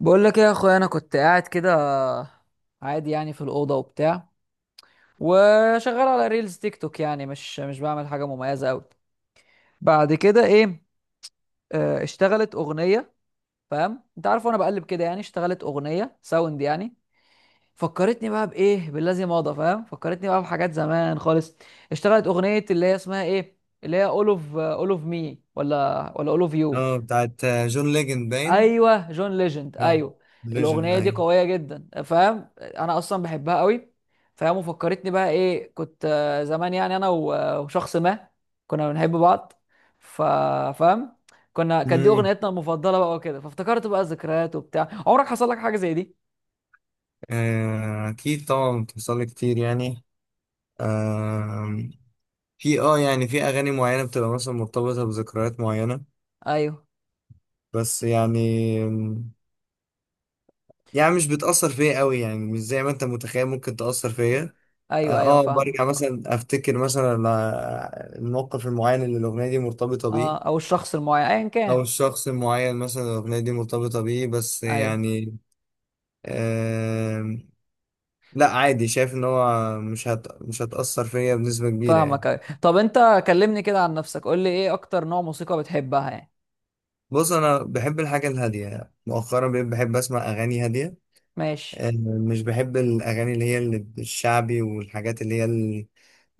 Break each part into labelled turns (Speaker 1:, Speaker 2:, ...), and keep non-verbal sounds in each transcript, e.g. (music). Speaker 1: بقول لك ايه يا اخويا، انا كنت قاعد كده عادي يعني في الاوضه وبتاع، وشغال على ريلز تيك توك، يعني مش بعمل حاجه مميزه قوي. بعد كده ايه؟ اشتغلت اغنيه. فاهم، انت عارف، وانا بقلب كده يعني اشتغلت اغنيه ساوند يعني. فكرتني بقى بايه، بالذي مضى، فاهم، فكرتني بقى بحاجات زمان خالص. اشتغلت اغنيه اللي هي اسمها ايه؟ اللي هي اول اوف مي، ولا اول اوف يو.
Speaker 2: اه، بتاعت جون ليجند باين.
Speaker 1: ايوه، جون ليجند،
Speaker 2: اه،
Speaker 1: ايوه.
Speaker 2: ليجند،
Speaker 1: الاغنيه دي
Speaker 2: ايوه.
Speaker 1: قويه جدا، فاهم، انا اصلا بحبها قوي. فاهم، وفكرتني بقى ايه، كنت زمان يعني انا و- وشخص ما، كنا بنحب بعض. ف- فاهم، كانت دي
Speaker 2: امم.
Speaker 1: اغنيتنا المفضله بقى وكده، فافتكرت بقى الذكريات وبتاع. عمرك حصل لك حاجه زي دي؟
Speaker 2: اكيد طبعا بتحصل لي كتير يعني. آه، في اه يعني في اغاني معينه بتبقى مثلا مرتبطه بذكريات معينه.
Speaker 1: ايوه،
Speaker 2: بس يعني مش بتاثر فيا قوي، يعني مش زي ما انت متخيل ممكن تاثر فيا.
Speaker 1: ايوه، ايوه، فاهمه.
Speaker 2: برجع مثلا افتكر مثلا الموقف المعين اللي الاغنيه دي مرتبطه
Speaker 1: اه،
Speaker 2: بيه،
Speaker 1: او الشخص المعين ايا
Speaker 2: او
Speaker 1: كان.
Speaker 2: الشخص المعين مثلا الاغنيه دي مرتبطه بيه بس.
Speaker 1: ايوه،
Speaker 2: يعني لا، عادي، شايف ان هو مش هتأثر فيا بنسبة كبيرة يعني.
Speaker 1: فاهمك، ايوه. طب انت كلمني كده عن نفسك، قول لي ايه اكتر نوع موسيقى بتحبها يعني؟
Speaker 2: بص، انا بحب الحاجة الهادية يعني. مؤخرا بقيت بحب اسمع اغاني هادية.
Speaker 1: ماشي.
Speaker 2: آه، مش بحب الاغاني اللي هي الشعبي والحاجات اللي هي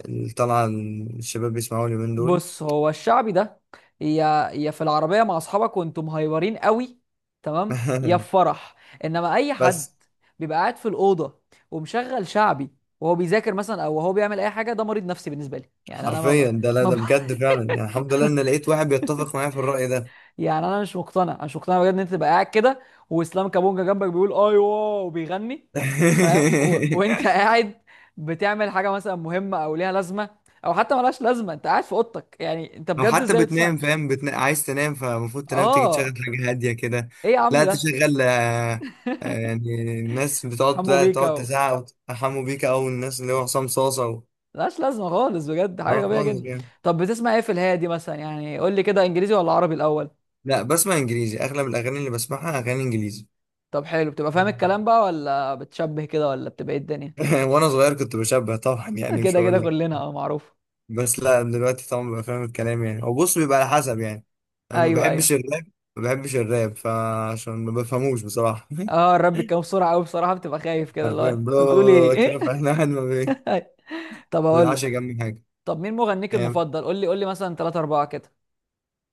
Speaker 2: اللي طالعة الشباب بيسمعوها اليومين دول.
Speaker 1: بص، هو الشعبي ده، يا في العربية مع أصحابك وأنتم مهيورين قوي، تمام، يا في
Speaker 2: (laughs)
Speaker 1: فرح. إنما أي حد
Speaker 2: بس
Speaker 1: بيبقى قاعد في الأوضة ومشغل شعبي وهو بيذاكر مثلا، وهو بيعمل أي حاجة، ده مريض نفسي بالنسبة لي، يعني أنا ما ب...
Speaker 2: حرفيا ده، لا
Speaker 1: ما ب...
Speaker 2: ده بجد فعلا يعني. الحمد لله ان لقيت واحد بيتفق معايا في الرأي ده.
Speaker 1: (laughs) يعني أنا مش مقتنع بجد إن أنت تبقى قاعد كده، وإسلام كابونجا جنبك بيقول أيوه وبيغني، فاهم، و... وأنت
Speaker 2: (laughs)
Speaker 1: قاعد بتعمل حاجة مثلا مهمة أو ليها لازمة، أو حتى ملهاش لازمة، أنت قاعد في أوضتك، يعني أنت
Speaker 2: لو
Speaker 1: بجد
Speaker 2: حتى
Speaker 1: إزاي بتسمع؟
Speaker 2: بتنام فاهم، عايز تنام فالمفروض تنام، تيجي تشغل
Speaker 1: آه.
Speaker 2: حاجة هادية كده.
Speaker 1: ايه يا عم
Speaker 2: لا
Speaker 1: ده؟
Speaker 2: تشغل.
Speaker 1: (laughs)
Speaker 2: يعني الناس بتقعد،
Speaker 1: حمو
Speaker 2: لا،
Speaker 1: بيكا
Speaker 2: تقعد
Speaker 1: و...
Speaker 2: تزعق وتتحموا بيك، أو الناس اللي هو حسام صاصة و...
Speaker 1: ملهاش لازمه خالص، بجد
Speaker 2: اه
Speaker 1: حاجه غبيه
Speaker 2: خالص
Speaker 1: جدا.
Speaker 2: يعني.
Speaker 1: طب بتسمع ايه في الهادي مثلا يعني؟ قول لي كده، انجليزي ولا عربي الاول؟
Speaker 2: لا، بسمع إنجليزي، أغلب الأغاني اللي بسمعها أغاني إنجليزي.
Speaker 1: طب حلو، بتبقى فاهم الكلام بقى ولا بتشبه كده، ولا بتبقى ايه الدنيا؟
Speaker 2: (laughs) وأنا صغير كنت بشبه طبعا
Speaker 1: (laughs)
Speaker 2: يعني، مش
Speaker 1: كده كده
Speaker 2: هقول لك.
Speaker 1: كلنا، اه، معروف.
Speaker 2: بس لا، دلوقتي طبعا ببقى فاهم الكلام يعني، هو بص بيبقى على حسب يعني. أنا ما
Speaker 1: ايوه، ايوه.
Speaker 2: بحبش الراب، ما بحبش الراب فعشان ما بفهموش بصراحة.
Speaker 1: اه،
Speaker 2: (laughs)
Speaker 1: الرب بيتكلم بسرعه قوي بصراحه، بتبقى خايف كده اللي هو
Speaker 2: حرفيا
Speaker 1: انت بتقولي
Speaker 2: بلا كده
Speaker 1: ايه.
Speaker 2: فاحنا قاعد. (laughs)
Speaker 1: (laughs) طب
Speaker 2: ما
Speaker 1: اقول
Speaker 2: بلعبش
Speaker 1: لك.
Speaker 2: جنبي حاجة.
Speaker 1: طب مين مغنيك
Speaker 2: آه،
Speaker 1: المفضل؟ قول لي مثلا ثلاثة أربعة كده.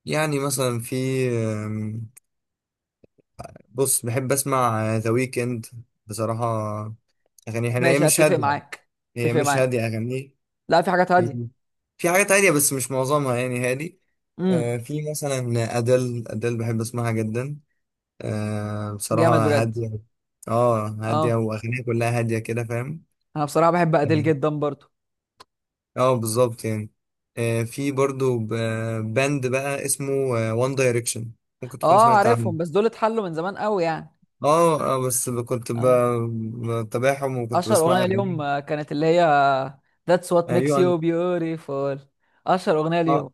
Speaker 2: يعني مثلا في آم، بص بحب أسمع ذا ويكند، بصراحة. أغانيه حلوة، هي
Speaker 1: ماشي.
Speaker 2: مش
Speaker 1: اتفق
Speaker 2: هادية.
Speaker 1: معاك.
Speaker 2: هي
Speaker 1: اتفق
Speaker 2: مش
Speaker 1: معاك.
Speaker 2: هادية أغانيه.
Speaker 1: لا، في حاجات هاديه.
Speaker 2: في في حاجات هادية بس مش معظمها يعني هادي.
Speaker 1: امم.
Speaker 2: في مثلا أدل بحب أسمعها جدا.
Speaker 1: جامد
Speaker 2: بصراحة
Speaker 1: بجد.
Speaker 2: هادية. اه، هادية،
Speaker 1: اه،
Speaker 2: وأغانيها كلها هادية كده فاهم.
Speaker 1: انا بصراحه بحب اديل
Speaker 2: اه
Speaker 1: جدا برضو.
Speaker 2: بالظبط يعني. في برضو باند بقى اسمه وان دايركشن، ممكن تكون
Speaker 1: اه،
Speaker 2: سمعت عنه.
Speaker 1: عارفهم، بس دول اتحلوا من زمان قوي يعني.
Speaker 2: بس كنت
Speaker 1: اه،
Speaker 2: بتابعهم وكنت
Speaker 1: اشهر
Speaker 2: بسمع
Speaker 1: اغنيه ليهم
Speaker 2: اغانيهم.
Speaker 1: كانت اللي هي That's what
Speaker 2: آه،
Speaker 1: makes
Speaker 2: يو ان
Speaker 1: you beautiful. اشهر اغنيه ليهم.
Speaker 2: اه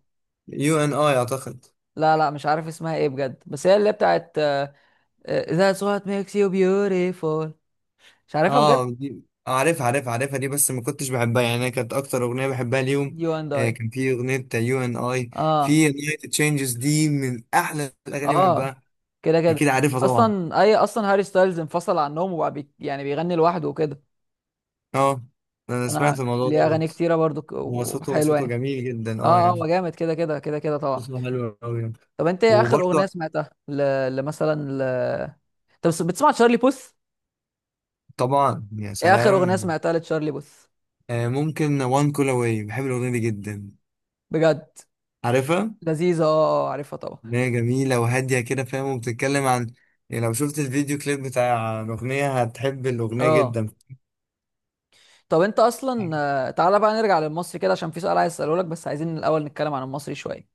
Speaker 2: يو ان اي اعتقد.
Speaker 1: لا، لا، مش عارف اسمها ايه بجد، بس هي اللي بتاعت That's what makes you beautiful. مش عارفها بجد.
Speaker 2: اه، دي عارفها عارفها عارفها دي، بس ما كنتش بحبها يعني. أنا كانت اكتر اغنيه بحبها ليهم
Speaker 1: You and I.
Speaker 2: كان في اغنيه يو ان اي.
Speaker 1: اه،
Speaker 2: في اغنيه تشينجز دي من احلى الاغاني اللي
Speaker 1: اه،
Speaker 2: بحبها.
Speaker 1: كده كده.
Speaker 2: اكيد عارفها طبعا.
Speaker 1: اصلا هاري ستايلز انفصل عنهم وبقى يعني بيغني لوحده وكده.
Speaker 2: اه، انا
Speaker 1: انا
Speaker 2: سمعت الموضوع
Speaker 1: ليه اغاني
Speaker 2: دوت.
Speaker 1: كتيره برضو
Speaker 2: هو صوته
Speaker 1: وحلوه
Speaker 2: صوته
Speaker 1: يعني.
Speaker 2: جميل جدا اه
Speaker 1: اه، اه، هو
Speaker 2: يعني.
Speaker 1: جامد، كده كده كده كده، طبعا.
Speaker 2: صوته حلو قوي يعني.
Speaker 1: طب انت ايه اخر
Speaker 2: وبرضه
Speaker 1: اغنيه سمعتها لمثلا ل... طب بتسمع تشارلي بوث؟
Speaker 2: طبعا يا
Speaker 1: ايه اخر اغنيه
Speaker 2: سلام.
Speaker 1: سمعتها لتشارلي بوث؟
Speaker 2: ممكن وان كول اواي، بحب الاغنيه دي جدا.
Speaker 1: بجد.
Speaker 2: عارفها؟
Speaker 1: لذيذه، اه، عارفها طبعا.
Speaker 2: ان هي جميله وهاديه كده فاهم، وبتتكلم عن، يعني لو شفت الفيديو كليب بتاع الاغنيه هتحب الاغنيه
Speaker 1: اه.
Speaker 2: جدا.
Speaker 1: طب انت اصلا تعالى بقى نرجع للمصري كده، عشان في سؤال عايز اساله لك، بس عايزين الاول نتكلم عن المصري شويه.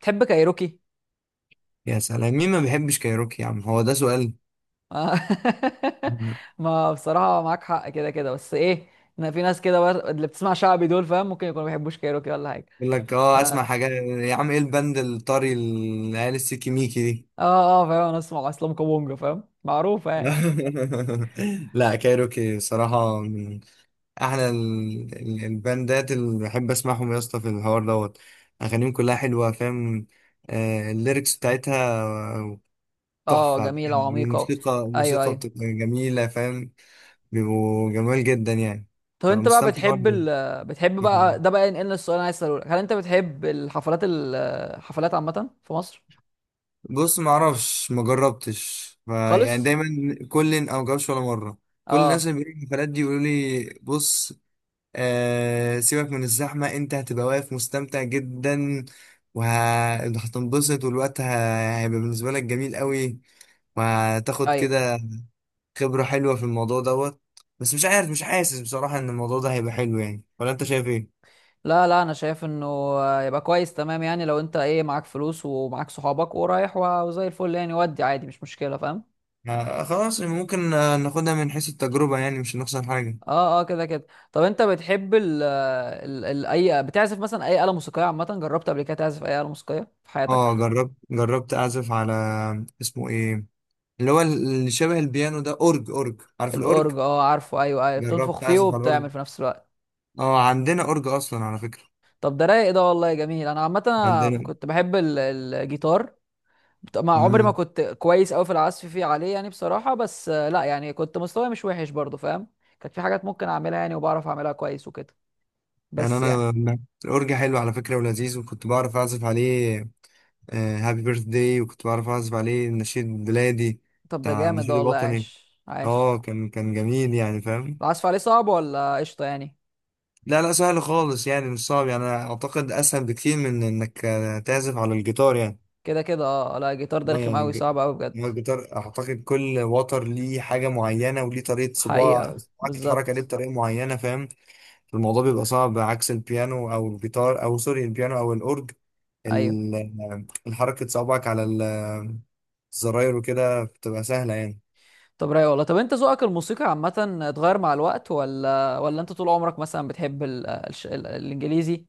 Speaker 1: بتحب كايروكي؟
Speaker 2: يا سلام، مين ما بيحبش كايروكي يا عم؟ هو ده سؤال؟
Speaker 1: آه. (laughs)
Speaker 2: (laughs)
Speaker 1: ما بصراحه معاك حق كده كده، بس ايه، إن في ناس كده اللي بتسمع شعبي دول، فاهم، ممكن يكونوا ما بيحبوش كايروكي ولا حاجه.
Speaker 2: يقول لك اه
Speaker 1: اه،
Speaker 2: اسمع حاجه يا عم، ايه البند الطري العيال السيكي ميكي دي؟
Speaker 1: اه، فاهم، انا اسمع اسلام كابونجا، فاهم، معروفه يعني.
Speaker 2: (laughs) لا، كايروكي صراحه احلى الباندات اللي بحب اسمعهم يا اسطى في الحوار دوت. اغانيهم كلها حلوه فاهم. الليركس بتاعتها
Speaker 1: اه،
Speaker 2: تحفه بجد.
Speaker 1: جميلة وعميقة.
Speaker 2: الموسيقى
Speaker 1: ايوه،
Speaker 2: الموسيقى
Speaker 1: ايوه.
Speaker 2: بتبقى جميله فاهم. بيبقوا جمال جدا يعني.
Speaker 1: طب
Speaker 2: ببقى
Speaker 1: انت بقى
Speaker 2: مستمتع
Speaker 1: بتحب
Speaker 2: وانا
Speaker 1: ال بتحب بقى،
Speaker 2: بسمعهم.
Speaker 1: ده بقى ينقلنا السؤال اللي انا عايز اساله لك، هل انت بتحب الحفلات عامة في مصر؟
Speaker 2: بص، ما اعرفش، ما جربتش، فيعني
Speaker 1: خالص.
Speaker 2: دايما كل او جربش ولا مره. كل الناس
Speaker 1: اه،
Speaker 2: اللي بيروحوا الحفلات دي يقولوا لي بص، آه سيبك من الزحمة، انت هتبقى واقف مستمتع جدا، وهتنبسط، والوقت هيبقى بالنسبة لك جميل قوي، وهتاخد
Speaker 1: ايوه.
Speaker 2: كده خبرة حلوة في الموضوع دوت. بس مش عارف، مش حاسس بصراحة ان الموضوع ده هيبقى حلو يعني، ولا انت شايف ايه؟
Speaker 1: لا، لا، انا شايف انه يبقى كويس تمام يعني، لو انت ايه، معاك فلوس ومعاك صحابك ورايح و- وزي الفل يعني، ودي عادي مش مشكلة، فاهم.
Speaker 2: آه خلاص، ممكن ناخدها من حيث التجربة يعني، مش هنخسر حاجة.
Speaker 1: اه، اه، كده كده. طب انت بتحب ال ال ال اي بتعزف مثلا اي آلة موسيقية عامة، جربت قبل كده تعزف اي آلة موسيقية في
Speaker 2: اه
Speaker 1: حياتك؟
Speaker 2: جربت اعزف على، اسمه ايه، اللي هو اللي شبه البيانو ده، اورج، اورج، عارف الاورج؟
Speaker 1: الأورج، اه، عارفه، ايوه، ايوه، بتنفخ
Speaker 2: جربت
Speaker 1: فيه
Speaker 2: اعزف على الاورج.
Speaker 1: وبتعمل في نفس الوقت.
Speaker 2: اه عندنا اورج اصلا على فكرة.
Speaker 1: طب ده رايق ده والله جميل. انا عامه أنا
Speaker 2: عندنا.
Speaker 1: كنت بحب ال- الجيتار. ما عمري ما
Speaker 2: امم.
Speaker 1: كنت كويس قوي في العزف عليه يعني بصراحه، بس لا يعني كنت مستواي مش وحش برضه، فاهم. كانت في حاجات ممكن اعملها يعني، وبعرف اعملها كويس وكده،
Speaker 2: يعني
Speaker 1: بس يعني.
Speaker 2: انا أنا- الاورج حلو على فكره ولذيذ، وكنت بعرف اعزف عليه هابي بيرث داي، وكنت بعرف اعزف عليه النشيد البلادي،
Speaker 1: طب ده
Speaker 2: بتاع
Speaker 1: جامد ده
Speaker 2: النشيد
Speaker 1: والله،
Speaker 2: الوطني.
Speaker 1: عاش عاش.
Speaker 2: اه، كان كان جميل يعني فاهم.
Speaker 1: العزف عليه صعب ولا قشطه يعني؟
Speaker 2: لا لا، سهل خالص يعني مش صعب، يعني انا اعتقد اسهل بكتير من انك تعزف على الجيتار يعني.
Speaker 1: كده كده، اه لا، الجيتار ده
Speaker 2: اه
Speaker 1: رخم
Speaker 2: يعني
Speaker 1: قوي، صعب قوي بجد.
Speaker 2: هو الجيتار اعتقد كل وتر ليه حاجه معينه، وليه طريقه صباع
Speaker 1: حقيقه،
Speaker 2: صباعك تتحرك عليه
Speaker 1: بالظبط.
Speaker 2: بطريقه معينه فاهم. الموضوع بيبقى صعب عكس البيانو او الجيتار او سوري البيانو او الاورج.
Speaker 1: ايوه.
Speaker 2: الحركة صوابعك على الزراير وكده بتبقى سهلة يعني.
Speaker 1: طب رايق والله. طب انت ذوقك الموسيقى عامة اتغير مع الوقت، ولا انت طول عمرك مثلا بتحب الانجليزي،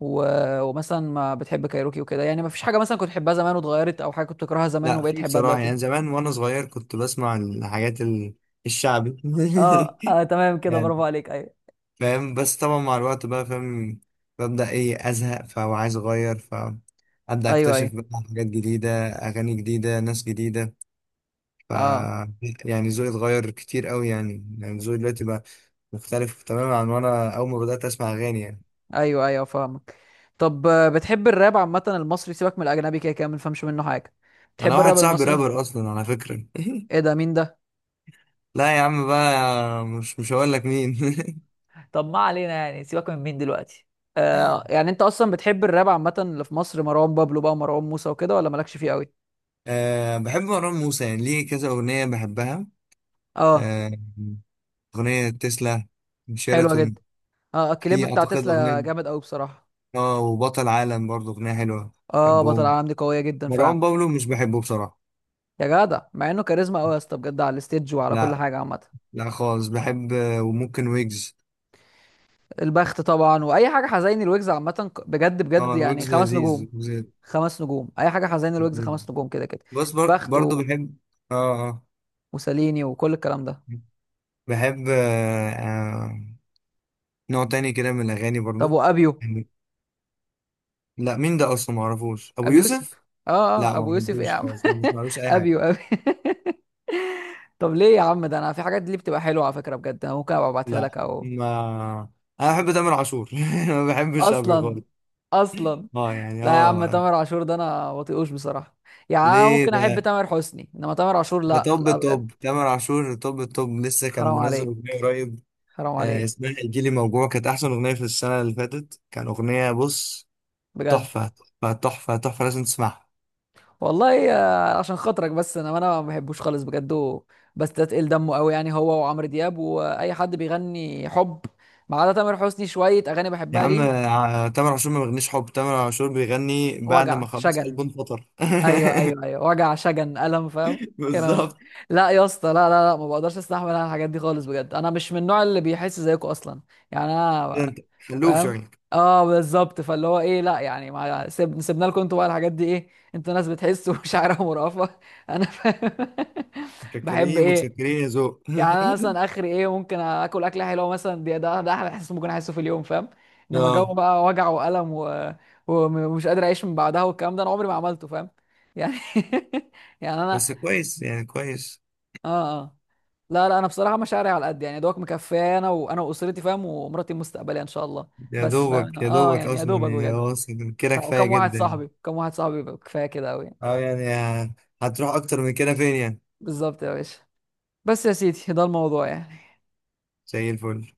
Speaker 1: و... ومثلا ما بتحب كايروكي وكده يعني، ما فيش حاجة مثلا كنت تحبها زمان واتغيرت، او حاجة كنت تكرهها زمان
Speaker 2: لا،
Speaker 1: وبقيت
Speaker 2: في
Speaker 1: تحبها
Speaker 2: بصراحة،
Speaker 1: دلوقتي؟
Speaker 2: يعني زمان وأنا صغير كنت بسمع الحاجات الشعبي.
Speaker 1: اه، آه،
Speaker 2: (laughs)
Speaker 1: تمام كده،
Speaker 2: يعني
Speaker 1: برافو عليك، ايوه.
Speaker 2: فاهم، بس طبعا مع الوقت بقى فاهم ببدأ إيه أزهق فهو عايز أغير، فأبدأ
Speaker 1: ايوه، ايوه،
Speaker 2: أكتشف بقى حاجات جديدة، أغاني جديدة، ناس جديدة. ف
Speaker 1: اه،
Speaker 2: يعني ذوقي اتغير كتير أوي يعني، يعني ذوقي دلوقتي بقى مختلف تماما عن وأنا أول ما بدأت أسمع أغاني يعني.
Speaker 1: ايوه، ايوه، فاهمك. طب بتحب الراب عامة المصري؟ سيبك من الاجنبي، كده كده ما بنفهمش منه حاجة.
Speaker 2: أنا
Speaker 1: بتحب
Speaker 2: واحد
Speaker 1: الراب
Speaker 2: صاحبي
Speaker 1: المصري؟
Speaker 2: رابر أصلا على فكرة.
Speaker 1: ايه ده؟ مين ده؟
Speaker 2: لا يا عم بقى، مش هقول لك مين. (laughs)
Speaker 1: طب ما علينا يعني، سيبك من مين دلوقتي. يعني انت اصلا بتحب الراب عامه، اللي في مصر مروان بابلو بقى ومروان موسى وكده، ولا مالكش فيه قوي؟
Speaker 2: أه بحب مروان موسى، يعني ليه كذا أغنية بحبها.
Speaker 1: اه،
Speaker 2: أه، أغنية تسلا،
Speaker 1: حلوه
Speaker 2: شيراتون،
Speaker 1: جدا. اه، الكليب
Speaker 2: في
Speaker 1: بتاع
Speaker 2: أعتقد
Speaker 1: تسلا
Speaker 2: أغنية،
Speaker 1: جامد قوي بصراحه.
Speaker 2: اه، وبطل عالم برضه أغنية حلوة.
Speaker 1: اه، بطل
Speaker 2: بحبهم.
Speaker 1: العالم دي قويه جدا فعلا.
Speaker 2: مروان بابلو مش بحبه بصراحة.
Speaker 1: يا جدع، مع انه كاريزما قوي يا اسطى، بجد، على الستيج وعلى كل
Speaker 2: لا،
Speaker 1: حاجه عامه.
Speaker 2: لا خالص، بحب وممكن ويجز.
Speaker 1: البخت طبعا، واي حاجه حزيني الويجز عامه بجد بجد
Speaker 2: اه
Speaker 1: يعني،
Speaker 2: ويجز
Speaker 1: خمس
Speaker 2: لذيذ،
Speaker 1: نجوم.
Speaker 2: ويجز
Speaker 1: خمس نجوم، اي حاجه حزيني الويجز
Speaker 2: لذيذ.
Speaker 1: خمس نجوم كده كده.
Speaker 2: بس
Speaker 1: البخت
Speaker 2: برضه
Speaker 1: و...
Speaker 2: بحب. اه اه
Speaker 1: وساليني وكل الكلام ده.
Speaker 2: بحب نوع تاني كده من الأغاني
Speaker 1: طب
Speaker 2: برضه.
Speaker 1: وابيو،
Speaker 2: لا مين ده اصلا، ما اعرفوش ابو
Speaker 1: ابو
Speaker 2: يوسف.
Speaker 1: يوسف. اه،
Speaker 2: لا
Speaker 1: اه،
Speaker 2: ما
Speaker 1: ابو يوسف ايه يا
Speaker 2: بحبوش
Speaker 1: عم؟ (laughs)
Speaker 2: خالص، ما بسمعلوش اي حاجه.
Speaker 1: ابيو ابي. (laughs) طب ليه يا عم ده؟ انا في حاجات دي بتبقى حلوه على فكره بجد، انا ممكن ابقى ابعتها
Speaker 2: لا
Speaker 1: لك او...
Speaker 2: ما، انا بحب تامر عاشور. (laughs) ما بحبش ابي
Speaker 1: اصلا،
Speaker 2: خالص.
Speaker 1: اصلا.
Speaker 2: اه يعني
Speaker 1: لا يا عم،
Speaker 2: اه.
Speaker 1: تامر عاشور ده انا بطيقوش بصراحه. يعني أنا
Speaker 2: ليه
Speaker 1: ممكن احب
Speaker 2: ده؟
Speaker 1: تامر حسني، انما تامر عاشور
Speaker 2: ده
Speaker 1: لا،
Speaker 2: توب
Speaker 1: لا، بجد.
Speaker 2: توب تامر عاشور، توب توب، لسه كان
Speaker 1: حرام
Speaker 2: منزل
Speaker 1: عليك،
Speaker 2: اغنيه قريب.
Speaker 1: حرام عليك،
Speaker 2: اسمها الجيلي موجوع، كانت احسن اغنيه في السنه اللي فاتت، كان اغنيه بص،
Speaker 1: بجد.
Speaker 2: تحفه تحفه تحفه تحفه، لازم تسمعها.
Speaker 1: والله عشان خاطرك، بس انا ما بحبوش خالص بجد بستثقل دمه قوي يعني، هو وعمرو دياب واي حد بيغني حب، ما عدا تامر حسني شويه اغاني
Speaker 2: يا
Speaker 1: بحبها
Speaker 2: عم
Speaker 1: ليه.
Speaker 2: تامر عاشور ما بيغنيش حب، تامر عاشور بيغني بعد ما
Speaker 1: وجع
Speaker 2: خلاص قلبه
Speaker 1: شجن.
Speaker 2: انفطر.
Speaker 1: ايوه، ايوه، ايوه، وجع شجن الم، فاهم.
Speaker 2: (laughs)
Speaker 1: كلام.
Speaker 2: بالظبط.
Speaker 1: لا يا اسطى، لا، لا، لا، ما بقدرش استحمل انا الحاجات دي خالص بجد، انا مش من النوع اللي بيحس زيكم اصلا. يعني انا،
Speaker 2: انت خلوه في
Speaker 1: فاهم.
Speaker 2: عينك.
Speaker 1: اه، بالظبط، فاللي هو ايه، لا يعني ما سيب... سيبنا لكم انتوا بقى الحاجات دي ايه. انتوا ناس بتحس ومشاعرها (laughs) مرهفه. انا فاهم. (laughs) بحب
Speaker 2: متشكرين
Speaker 1: ايه؟
Speaker 2: متشكرين يا ذوق.
Speaker 1: يعني انا مثلا اخري ايه، ممكن اكل اكله حلوه مثلا، دي ده احلى احساس ممكن احسه في اليوم، فاهم.
Speaker 2: (laughs)
Speaker 1: انما جو
Speaker 2: اه
Speaker 1: بقى وجع والم و... ومش قادر اعيش من بعدها، والكلام ده انا عمري ما عملته، فاهم. يعني، (laughs) يعني انا.
Speaker 2: بس كويس يعني كويس.
Speaker 1: اه، اه. لا، لا، انا بصراحه مشاعري على قد يعني، يا دوبك مكفيه انا واسرتي، فاهم، ومراتي المستقبليه ان شاء الله.
Speaker 2: يا
Speaker 1: بس فاهم،
Speaker 2: دوبك يا
Speaker 1: اه
Speaker 2: دوبك
Speaker 1: يعني يا
Speaker 2: اصلا،
Speaker 1: دوبك
Speaker 2: يعني
Speaker 1: بجد.
Speaker 2: هو اصلا كده كفايه جدا يعني.
Speaker 1: وكم
Speaker 2: اه يعني هتروح اكتر من كده فين يعني؟ زي الفل.